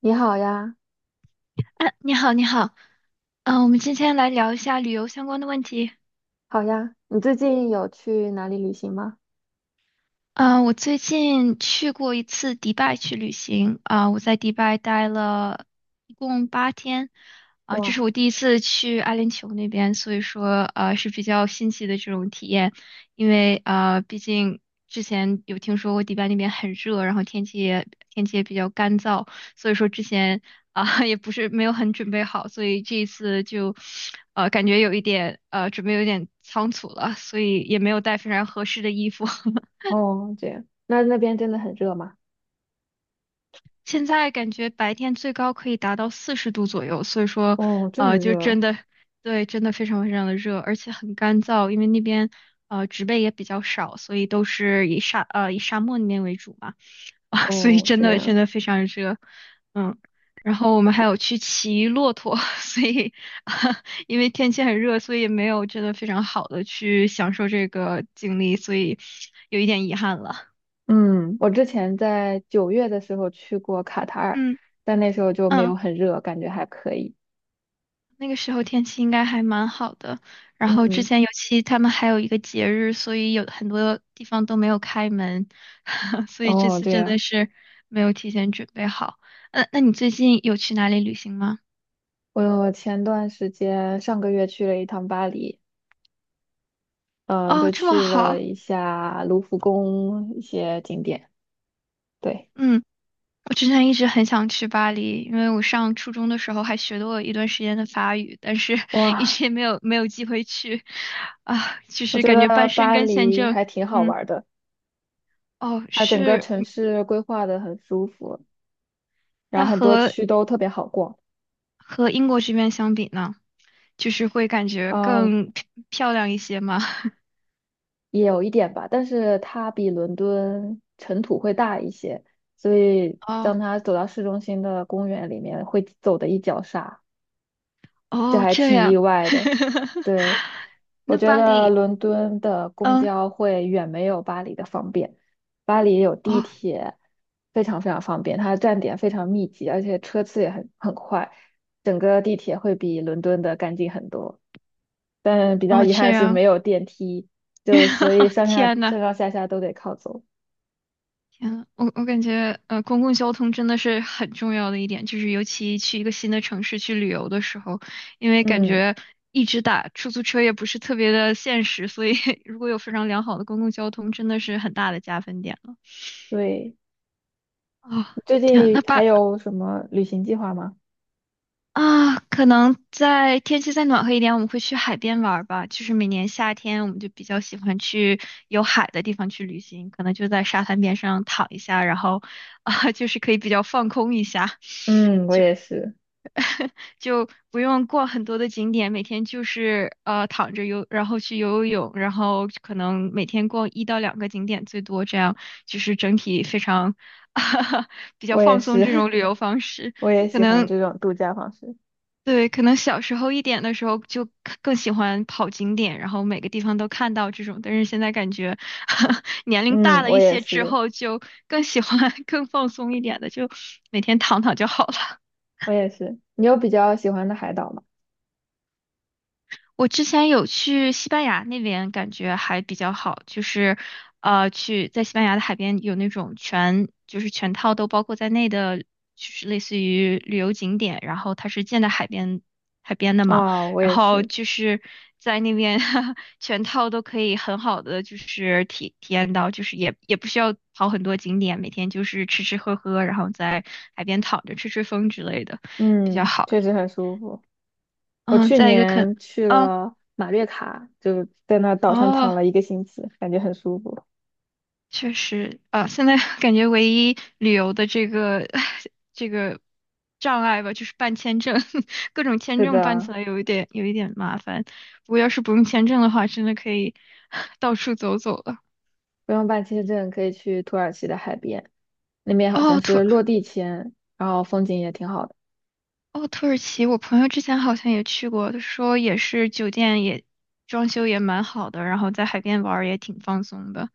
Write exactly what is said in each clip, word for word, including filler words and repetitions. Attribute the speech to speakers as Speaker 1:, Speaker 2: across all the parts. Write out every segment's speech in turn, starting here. Speaker 1: 你好呀，
Speaker 2: 啊，你好，你好，嗯、我们今天来聊一下旅游相关的问题。
Speaker 1: 好呀，你最近有去哪里旅行吗？
Speaker 2: 啊，我最近去过一次迪拜去旅行啊，我在迪拜待了一共八天啊，这是
Speaker 1: 哇，
Speaker 2: 我第一次去阿联酋那边，所以说呃是比较新奇的这种体验，因为啊，毕竟之前有听说过迪拜那边很热，然后天气也天气也比较干燥，所以说之前啊 也不是没有很准备好，所以这一次就呃感觉有一点呃准备有点仓促了，所以也没有带非常合适的衣服。
Speaker 1: 哦，这样，那那边真的很热吗？
Speaker 2: 现在感觉白天最高可以达到四十度左右，所以说，
Speaker 1: 哦，这么
Speaker 2: 呃，就
Speaker 1: 热
Speaker 2: 真
Speaker 1: 啊，
Speaker 2: 的，对，真的非常非常的热，而且很干燥，因为那边呃植被也比较少，所以都是以沙呃以沙漠那边为主嘛，啊，所以
Speaker 1: 哦，
Speaker 2: 真
Speaker 1: 这
Speaker 2: 的真
Speaker 1: 样，
Speaker 2: 的非常热，嗯，然后我们还有去骑骆驼，所以 因为天气很热，所以也没有真的非常好的去享受这个经历，所以有一点遗憾了，
Speaker 1: 嗯，我之前在九月的时候去过卡塔尔，
Speaker 2: 嗯
Speaker 1: 但那时候就没有
Speaker 2: 嗯。
Speaker 1: 很热，感觉还可以。
Speaker 2: 那个时候天气应该还蛮好的，然后之
Speaker 1: 嗯，
Speaker 2: 前尤其他们还有一个节日，所以有很多地方都没有开门，所以这
Speaker 1: 哦，
Speaker 2: 次
Speaker 1: 这
Speaker 2: 真的
Speaker 1: 样，
Speaker 2: 是没有提前准备好。呃，那你最近有去哪里旅行吗？
Speaker 1: 我前段时间上个月去了一趟巴黎，嗯，
Speaker 2: 哦，
Speaker 1: 就
Speaker 2: 这么
Speaker 1: 去
Speaker 2: 好，
Speaker 1: 了一下卢浮宫一些景点。对，
Speaker 2: 嗯，我之前一直很想去巴黎，因为我上初中的时候还学过一段时间的法语，但是 一
Speaker 1: 哇，
Speaker 2: 直也没有没有机会去，啊，就
Speaker 1: 我
Speaker 2: 是
Speaker 1: 觉
Speaker 2: 感觉
Speaker 1: 得
Speaker 2: 半申
Speaker 1: 巴
Speaker 2: 跟签
Speaker 1: 黎
Speaker 2: 证，
Speaker 1: 还挺好
Speaker 2: 嗯，
Speaker 1: 玩儿的。
Speaker 2: 哦，
Speaker 1: 它整个
Speaker 2: 是，
Speaker 1: 城市规划的很舒服，然
Speaker 2: 那
Speaker 1: 后很多
Speaker 2: 和
Speaker 1: 区都特别好逛，
Speaker 2: 和英国这边相比呢，就是会感觉
Speaker 1: 嗯，
Speaker 2: 更漂漂亮一些吗？
Speaker 1: 也有一点吧，但是它比伦敦尘土会大一些，所以
Speaker 2: 哦
Speaker 1: 当它走到市中心的公园里面，会走的一脚沙，这
Speaker 2: 哦，
Speaker 1: 还
Speaker 2: 这
Speaker 1: 挺意
Speaker 2: 样，
Speaker 1: 外的。对，我
Speaker 2: 那
Speaker 1: 觉
Speaker 2: 巴
Speaker 1: 得
Speaker 2: 黎，
Speaker 1: 伦敦的公
Speaker 2: 嗯，
Speaker 1: 交会远没有巴黎的方便，巴黎有地
Speaker 2: 哦
Speaker 1: 铁，非常非常方便，它的站点非常密集，而且车次也很很快，整个地铁会比伦敦的干净很多。但比较
Speaker 2: 哦，
Speaker 1: 遗
Speaker 2: 这
Speaker 1: 憾是
Speaker 2: 样，
Speaker 1: 没有电梯，就所以 上下
Speaker 2: 天呐，
Speaker 1: 上上下下都得靠走。
Speaker 2: 天呐，我我感觉呃，公共交通真的是很重要的一点，就是尤其去一个新的城市去旅游的时候，因为感
Speaker 1: 嗯，
Speaker 2: 觉一直打出租车也不是特别的现实，所以 如果有非常良好的公共交通，真的是很大的加分点了。
Speaker 1: 对，
Speaker 2: 哦，
Speaker 1: 你最
Speaker 2: 天呐，
Speaker 1: 近
Speaker 2: 那巴
Speaker 1: 还有什么旅行计划吗？
Speaker 2: 啊，可能在天气再暖和一点，我们会去海边玩儿吧。就是每年夏天，我们就比较喜欢去有海的地方去旅行，可能就在沙滩边上躺一下，然后啊，就是可以比较放空一下，
Speaker 1: 嗯，我也是，
Speaker 2: 就不用逛很多的景点，每天就是呃躺着游，然后去游游泳，然后可能每天逛一到两个景点最多，这样就是整体非常 比较
Speaker 1: 我也
Speaker 2: 放松
Speaker 1: 是，
Speaker 2: 这种 旅游方式，
Speaker 1: 我也
Speaker 2: 可
Speaker 1: 喜欢
Speaker 2: 能。
Speaker 1: 这种度假方式。
Speaker 2: 对，可能小时候一点的时候就看更喜欢跑景点，然后每个地方都看到这种，但是现在感觉 年龄
Speaker 1: 嗯，
Speaker 2: 大了
Speaker 1: 我
Speaker 2: 一
Speaker 1: 也
Speaker 2: 些之
Speaker 1: 是。
Speaker 2: 后，就更喜欢 更放松一点的，就每天躺躺就好了。
Speaker 1: 我也是。你有比较喜欢的海岛吗？
Speaker 2: 我之前有去西班牙那边，感觉还比较好，就是呃，去在西班牙的海边有那种全就是全套都包括在内的，就是类似于旅游景点，然后它是建在海边海边的嘛，
Speaker 1: 哦，我
Speaker 2: 然
Speaker 1: 也
Speaker 2: 后
Speaker 1: 是。
Speaker 2: 就是在那边 全套都可以很好的就是体体验到，就是也也不需要跑很多景点，每天就是吃吃喝喝，然后在海边躺着吹吹风之类的，比较
Speaker 1: 嗯，
Speaker 2: 好。
Speaker 1: 确实很舒服。我
Speaker 2: 嗯，
Speaker 1: 去
Speaker 2: 再一个肯
Speaker 1: 年去
Speaker 2: 嗯，
Speaker 1: 了马略卡，就在那岛上躺
Speaker 2: 哦。
Speaker 1: 了一个星期，感觉很舒服。
Speaker 2: 确实啊，现在 感觉唯一旅游的这个 这个障碍吧，就是办签证，各种签
Speaker 1: 是
Speaker 2: 证办起
Speaker 1: 的，
Speaker 2: 来有一点有一点麻烦。不过要是不用签证的话，真的可以 到处走走了。
Speaker 1: 不用办签证可以去土耳其的海边，那边好像
Speaker 2: 哦，突
Speaker 1: 是落地签，然后风景也挺好的。
Speaker 2: 哦，土耳其，我朋友之前好像也去过，他说也是酒店也装修也蛮好的，然后在海边玩儿也挺放松的。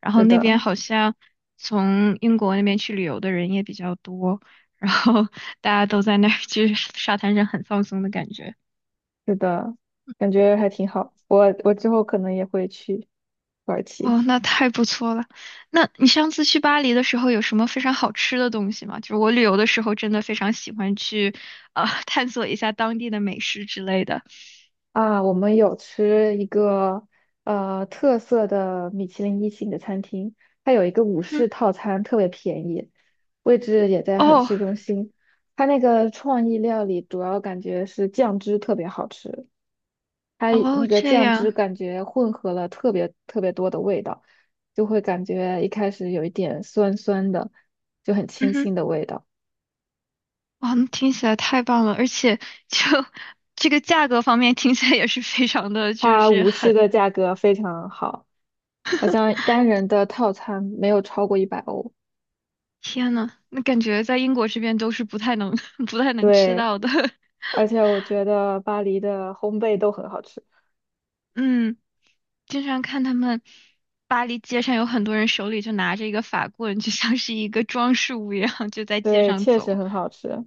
Speaker 2: 然后
Speaker 1: 是
Speaker 2: 那
Speaker 1: 的，
Speaker 2: 边好像从英国那边去旅游的人也比较多，然后大家都在那儿就是沙滩上很放松的感觉。
Speaker 1: 是的，感觉还挺好。我我之后可能也会去土耳其。
Speaker 2: 哦，那太不错了。那你上次去巴黎的时候有什么非常好吃的东西吗？就是我旅游的时候真的非常喜欢去呃 探索一下当地的美食之类的。
Speaker 1: 啊，我们有吃一个呃特色的米其林一星的餐厅，它有一个午
Speaker 2: 嗯，
Speaker 1: 市套餐，特别便宜，位置也在很
Speaker 2: 哦
Speaker 1: 市中心。它那个创意料理主要感觉是酱汁特别好吃，它那
Speaker 2: 哦，
Speaker 1: 个
Speaker 2: 这
Speaker 1: 酱
Speaker 2: 样。
Speaker 1: 汁感觉混合了特别特别多的味道，就会感觉一开始有一点酸酸的，就很
Speaker 2: 嗯
Speaker 1: 清
Speaker 2: 哼，
Speaker 1: 新的味道。
Speaker 2: 哇，那听起来太棒了，而且就 这个价格方面听起来也是非常的，就
Speaker 1: 它
Speaker 2: 是
Speaker 1: 午市
Speaker 2: 很，
Speaker 1: 的价格非常好，好像单人的套餐没有超过一百欧。
Speaker 2: 天呐，那感觉在英国这边都是不太能 不太能吃
Speaker 1: 对，
Speaker 2: 到的。
Speaker 1: 而且我觉得巴黎的烘焙都很好吃，
Speaker 2: 嗯，经常看他们巴黎街上有很多人手里就拿着一个法棍，就像是一个装饰物一样，就在街
Speaker 1: 对，
Speaker 2: 上
Speaker 1: 确实
Speaker 2: 走。
Speaker 1: 很好吃。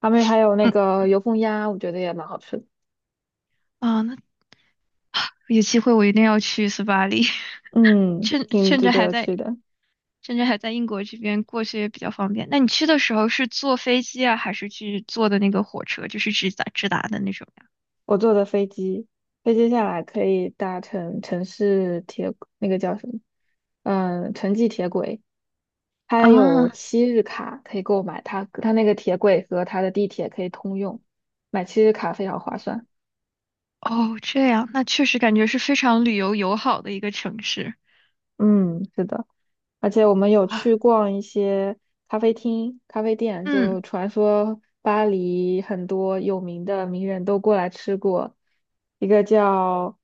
Speaker 1: 他们还有那
Speaker 2: 嗯，
Speaker 1: 个油封鸭，我觉得也蛮好吃的，
Speaker 2: 啊，那有机会我一定要去斯巴黎，
Speaker 1: 嗯，
Speaker 2: 趁
Speaker 1: 挺
Speaker 2: 趁
Speaker 1: 值
Speaker 2: 着还
Speaker 1: 得
Speaker 2: 在
Speaker 1: 去的。
Speaker 2: 甚至还在英国这边过去也比较方便。那你去的时候是坐飞机啊，还是去坐的那个火车，就是直达直达的那种呀？
Speaker 1: 我坐的飞机，飞机下来可以搭乘城市铁，那个叫什么？嗯，城际铁轨，它有
Speaker 2: 啊，
Speaker 1: 七日卡可以购买，它它那个铁轨和它的地铁可以通用，买七日卡非常划算。
Speaker 2: 哦，这样，那确实感觉是非常旅游友好的一个城市
Speaker 1: 嗯，是的。而且我们有去
Speaker 2: 啊。
Speaker 1: 逛一些咖啡厅、咖啡店，
Speaker 2: 嗯，
Speaker 1: 就传说巴黎很多有名的名人都过来吃过，一个叫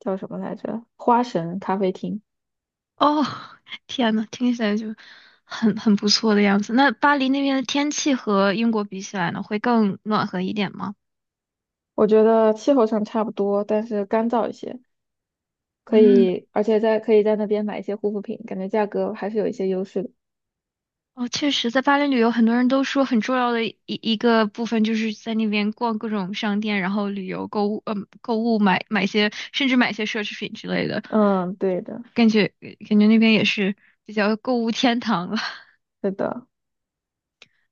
Speaker 1: 叫什么来着？花神咖啡厅，
Speaker 2: 哦，天呐，听起来就很很不错的样子。那巴黎那边的天气和英国比起来呢，会更暖和一点吗？
Speaker 1: 我觉得气候上差不多，但是干燥一些，可
Speaker 2: 嗯。
Speaker 1: 以，而且在可以在那边买一些护肤品，感觉价格还是有一些优势的。
Speaker 2: 哦，确实，在巴黎旅游，很多人都说很重要的一一个部分就是在那边逛各种商店，然后旅游、购物，嗯，购物买买些，甚至买些奢侈品之类的。
Speaker 1: 嗯，对的，
Speaker 2: 感觉感觉那边也是比较购物天堂了。
Speaker 1: 是的，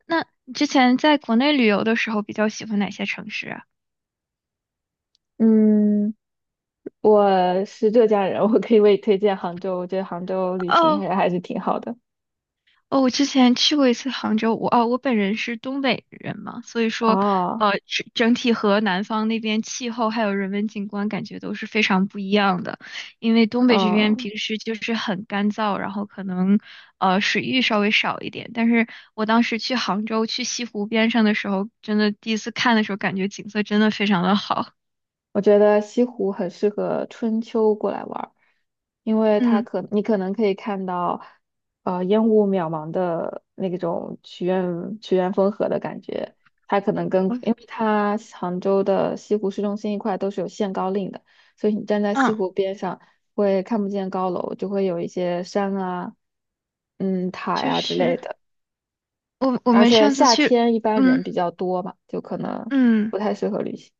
Speaker 2: 那你之前在国内旅游的时候，比较喜欢哪些城市啊？
Speaker 1: 嗯，我是浙江人，我可以为你推荐杭州，我觉得杭州旅行
Speaker 2: 哦，
Speaker 1: 还还是挺好的。
Speaker 2: 哦，我之前去过一次杭州，我哦，我本人是东北人嘛，所以说，
Speaker 1: 哦。
Speaker 2: 呃，整整体和南方那边气候还有人文景观感觉都是非常不一样的。因为东北这边
Speaker 1: 嗯，
Speaker 2: 平时就是很干燥，然后可能呃水域稍微少一点。但是我当时去杭州去西湖边上的时候，真的第一次看的时候，感觉景色真的非常的好。
Speaker 1: 我觉得西湖很适合春秋过来玩儿，因为它
Speaker 2: 嗯
Speaker 1: 可你可能可以看到，呃，烟雾渺茫的那种曲院曲院风荷的感觉。它可能跟
Speaker 2: 我
Speaker 1: 因为它杭州的西湖市中心一块都是有限高令的，所以你站在西
Speaker 2: 嗯，
Speaker 1: 湖边上会看不见高楼，就会有一些山啊、嗯塔
Speaker 2: 就
Speaker 1: 呀、之类
Speaker 2: 是
Speaker 1: 的。
Speaker 2: 我我
Speaker 1: 而
Speaker 2: 们
Speaker 1: 且
Speaker 2: 上次
Speaker 1: 夏
Speaker 2: 去，
Speaker 1: 天一般人
Speaker 2: 嗯
Speaker 1: 比较多嘛，就可能
Speaker 2: 嗯。
Speaker 1: 不太适合旅行。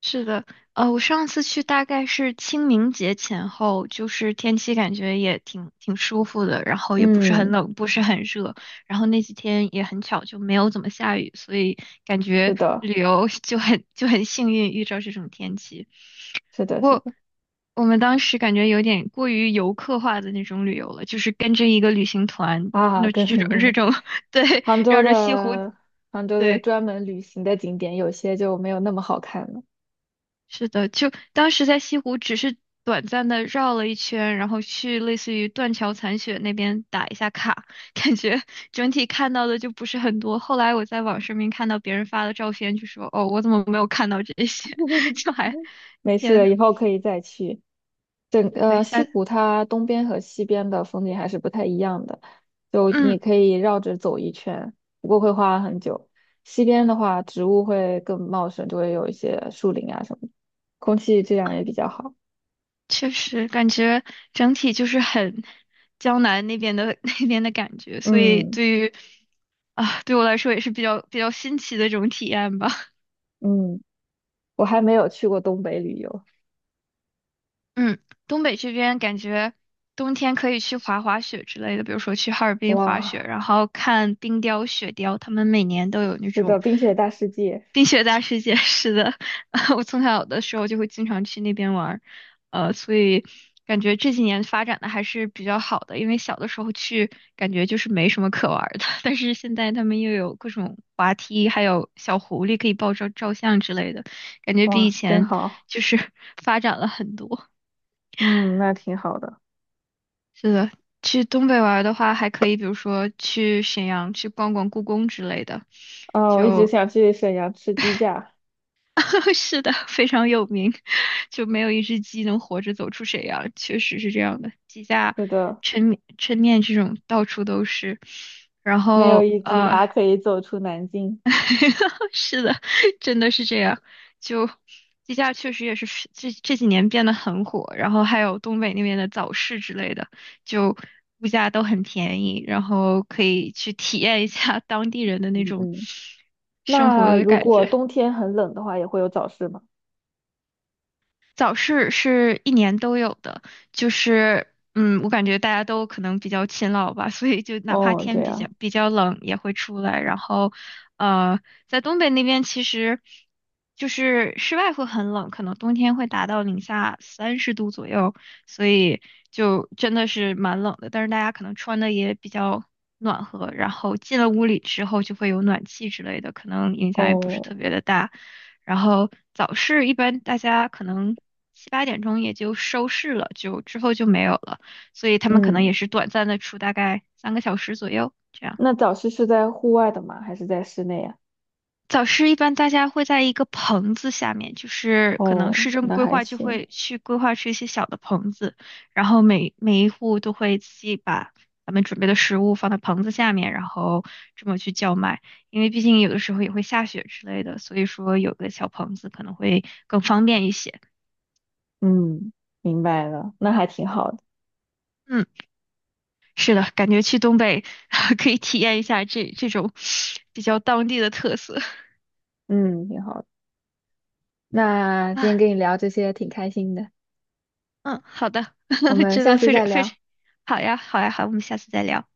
Speaker 2: 是的，呃，我上次去大概是清明节前后，就是天气感觉也挺挺舒服的，然后也不是很
Speaker 1: 嗯，
Speaker 2: 冷，不是很热，然后那几天也很巧就没有怎么下雨，所以感
Speaker 1: 是
Speaker 2: 觉
Speaker 1: 的。
Speaker 2: 旅游 就很就很幸运遇到这种天气。
Speaker 1: 是的，
Speaker 2: 不
Speaker 1: 是
Speaker 2: 过
Speaker 1: 的，
Speaker 2: 我们当时感觉有点过于游客化的那种旅游了，就是跟着一个旅行团，
Speaker 1: 啊，
Speaker 2: 那
Speaker 1: 跟
Speaker 2: 这
Speaker 1: 你
Speaker 2: 种
Speaker 1: 定
Speaker 2: 这
Speaker 1: 的。
Speaker 2: 种 对，
Speaker 1: 杭州
Speaker 2: 绕着西湖，
Speaker 1: 的杭州的
Speaker 2: 对。
Speaker 1: 专门旅行的景点，有些就没有那么好看了
Speaker 2: 是的，就当时在西湖只是短暂的绕了一圈，然后去类似于断桥残雪那边打一下卡，感觉整体看到的就不是很多。后来我在网上面看到别人发的照片，就说：“哦，我怎么没有看到这些？” 就还，
Speaker 1: 没
Speaker 2: 天呐，
Speaker 1: 事，以后可以再去。整
Speaker 2: 对，
Speaker 1: 呃西
Speaker 2: 下，
Speaker 1: 湖它东边和西边的风景还是不太一样的，就
Speaker 2: 嗯，
Speaker 1: 你可以绕着走一圈，不过会花很久。西边的话，植物会更茂盛，就会有一些树林啊什么的空气质量也比
Speaker 2: 啊
Speaker 1: 较好。
Speaker 2: 确实感觉整体就是很江南那边的 那边的感觉，所以
Speaker 1: 嗯
Speaker 2: 对于啊，对我来说也是比较比较新奇的这种体验吧。
Speaker 1: 嗯，我还没有去过东北旅游，
Speaker 2: 嗯，东北这边感觉冬天可以去滑滑雪之类的，比如说去哈尔滨滑雪，
Speaker 1: 哇。
Speaker 2: 然后看冰雕、雪雕，他们每年都有那
Speaker 1: 是的，
Speaker 2: 种
Speaker 1: 冰雪大世界。
Speaker 2: 冰雪大世界似的。我从小的时候就会经常去那边玩儿呃，所以感觉这几年发展的还是比较好的，因为小的时候去感觉就是没什么可玩儿的，但是现在他们又有各种滑梯，还有小狐狸可以抱照照相之类的，感觉比以
Speaker 1: 哇，真
Speaker 2: 前
Speaker 1: 好，
Speaker 2: 就是发展了很多。
Speaker 1: 嗯，那挺好的。
Speaker 2: 是的，去东北玩儿的话，还可以，比如说去沈阳去逛逛故宫之类的，
Speaker 1: 哦，我一直
Speaker 2: 就
Speaker 1: 想去沈阳吃鸡架。
Speaker 2: 是的，非常有名，就没有一只鸡能活着走出沈阳，确实是这样的。鸡架、
Speaker 1: 是的，
Speaker 2: 抻面、抻面这种到处都是，然
Speaker 1: 没有
Speaker 2: 后
Speaker 1: 一只
Speaker 2: 呃，
Speaker 1: 鸭可以走出南京。
Speaker 2: 是的，真的是这样。就鸡架确实也是是这这几年变得很火，然后还有东北那边的早市之类的，就物价都很便宜，然后可以去体验一下 当地人的那
Speaker 1: 嗯
Speaker 2: 种
Speaker 1: 嗯，
Speaker 2: 生活
Speaker 1: 那
Speaker 2: 的
Speaker 1: 如
Speaker 2: 感
Speaker 1: 果
Speaker 2: 觉。
Speaker 1: 冬天很冷的话，也会有早市吗？
Speaker 2: 早市是一年都有的，就是嗯，我感觉大家都可能比较勤劳吧，所以就哪怕
Speaker 1: 哦，对
Speaker 2: 天比较
Speaker 1: 呀，
Speaker 2: 比较冷也会出来。然后，呃，在东北那边其实就是室外会很冷，可能冬天会达到零下三十度左右，所以就真的是蛮冷的。但是大家可能穿的也比较暖和，然后进了屋里之后就会有暖气之类的，可能影响也不是
Speaker 1: 哦，
Speaker 2: 特别的大。然后早市一般大家可能七八点钟也就收市了，就之后就没有了，所以他们可能
Speaker 1: 嗯，
Speaker 2: 也是短暂的出大概三个小时左右这样。
Speaker 1: 那早市是在户外的吗？还是在室内呀？
Speaker 2: 早市一般大家会在一个棚子下面，就是可能
Speaker 1: 哦，
Speaker 2: 市政
Speaker 1: 那
Speaker 2: 规
Speaker 1: 还
Speaker 2: 划就
Speaker 1: 行。
Speaker 2: 会去规划出一些小的棚子，然后每每一户都会自己把咱们准备的食物放在棚子下面，然后这么去叫卖。因为毕竟有的时候也会下雪之类的，所以说有个小棚子可能会更方便一些。
Speaker 1: 嗯，明白了，那还挺好的。
Speaker 2: 嗯。是的，感觉去东北 可以体验一下这这种比较当地的特色
Speaker 1: 嗯，挺好的。那 今天
Speaker 2: 啊。
Speaker 1: 跟你聊这些挺开心的，
Speaker 2: 嗯，好的，
Speaker 1: 我 们
Speaker 2: 真
Speaker 1: 下
Speaker 2: 的
Speaker 1: 次
Speaker 2: 非常
Speaker 1: 再
Speaker 2: 非常
Speaker 1: 聊。
Speaker 2: 好呀，好呀，好，我们下次再聊。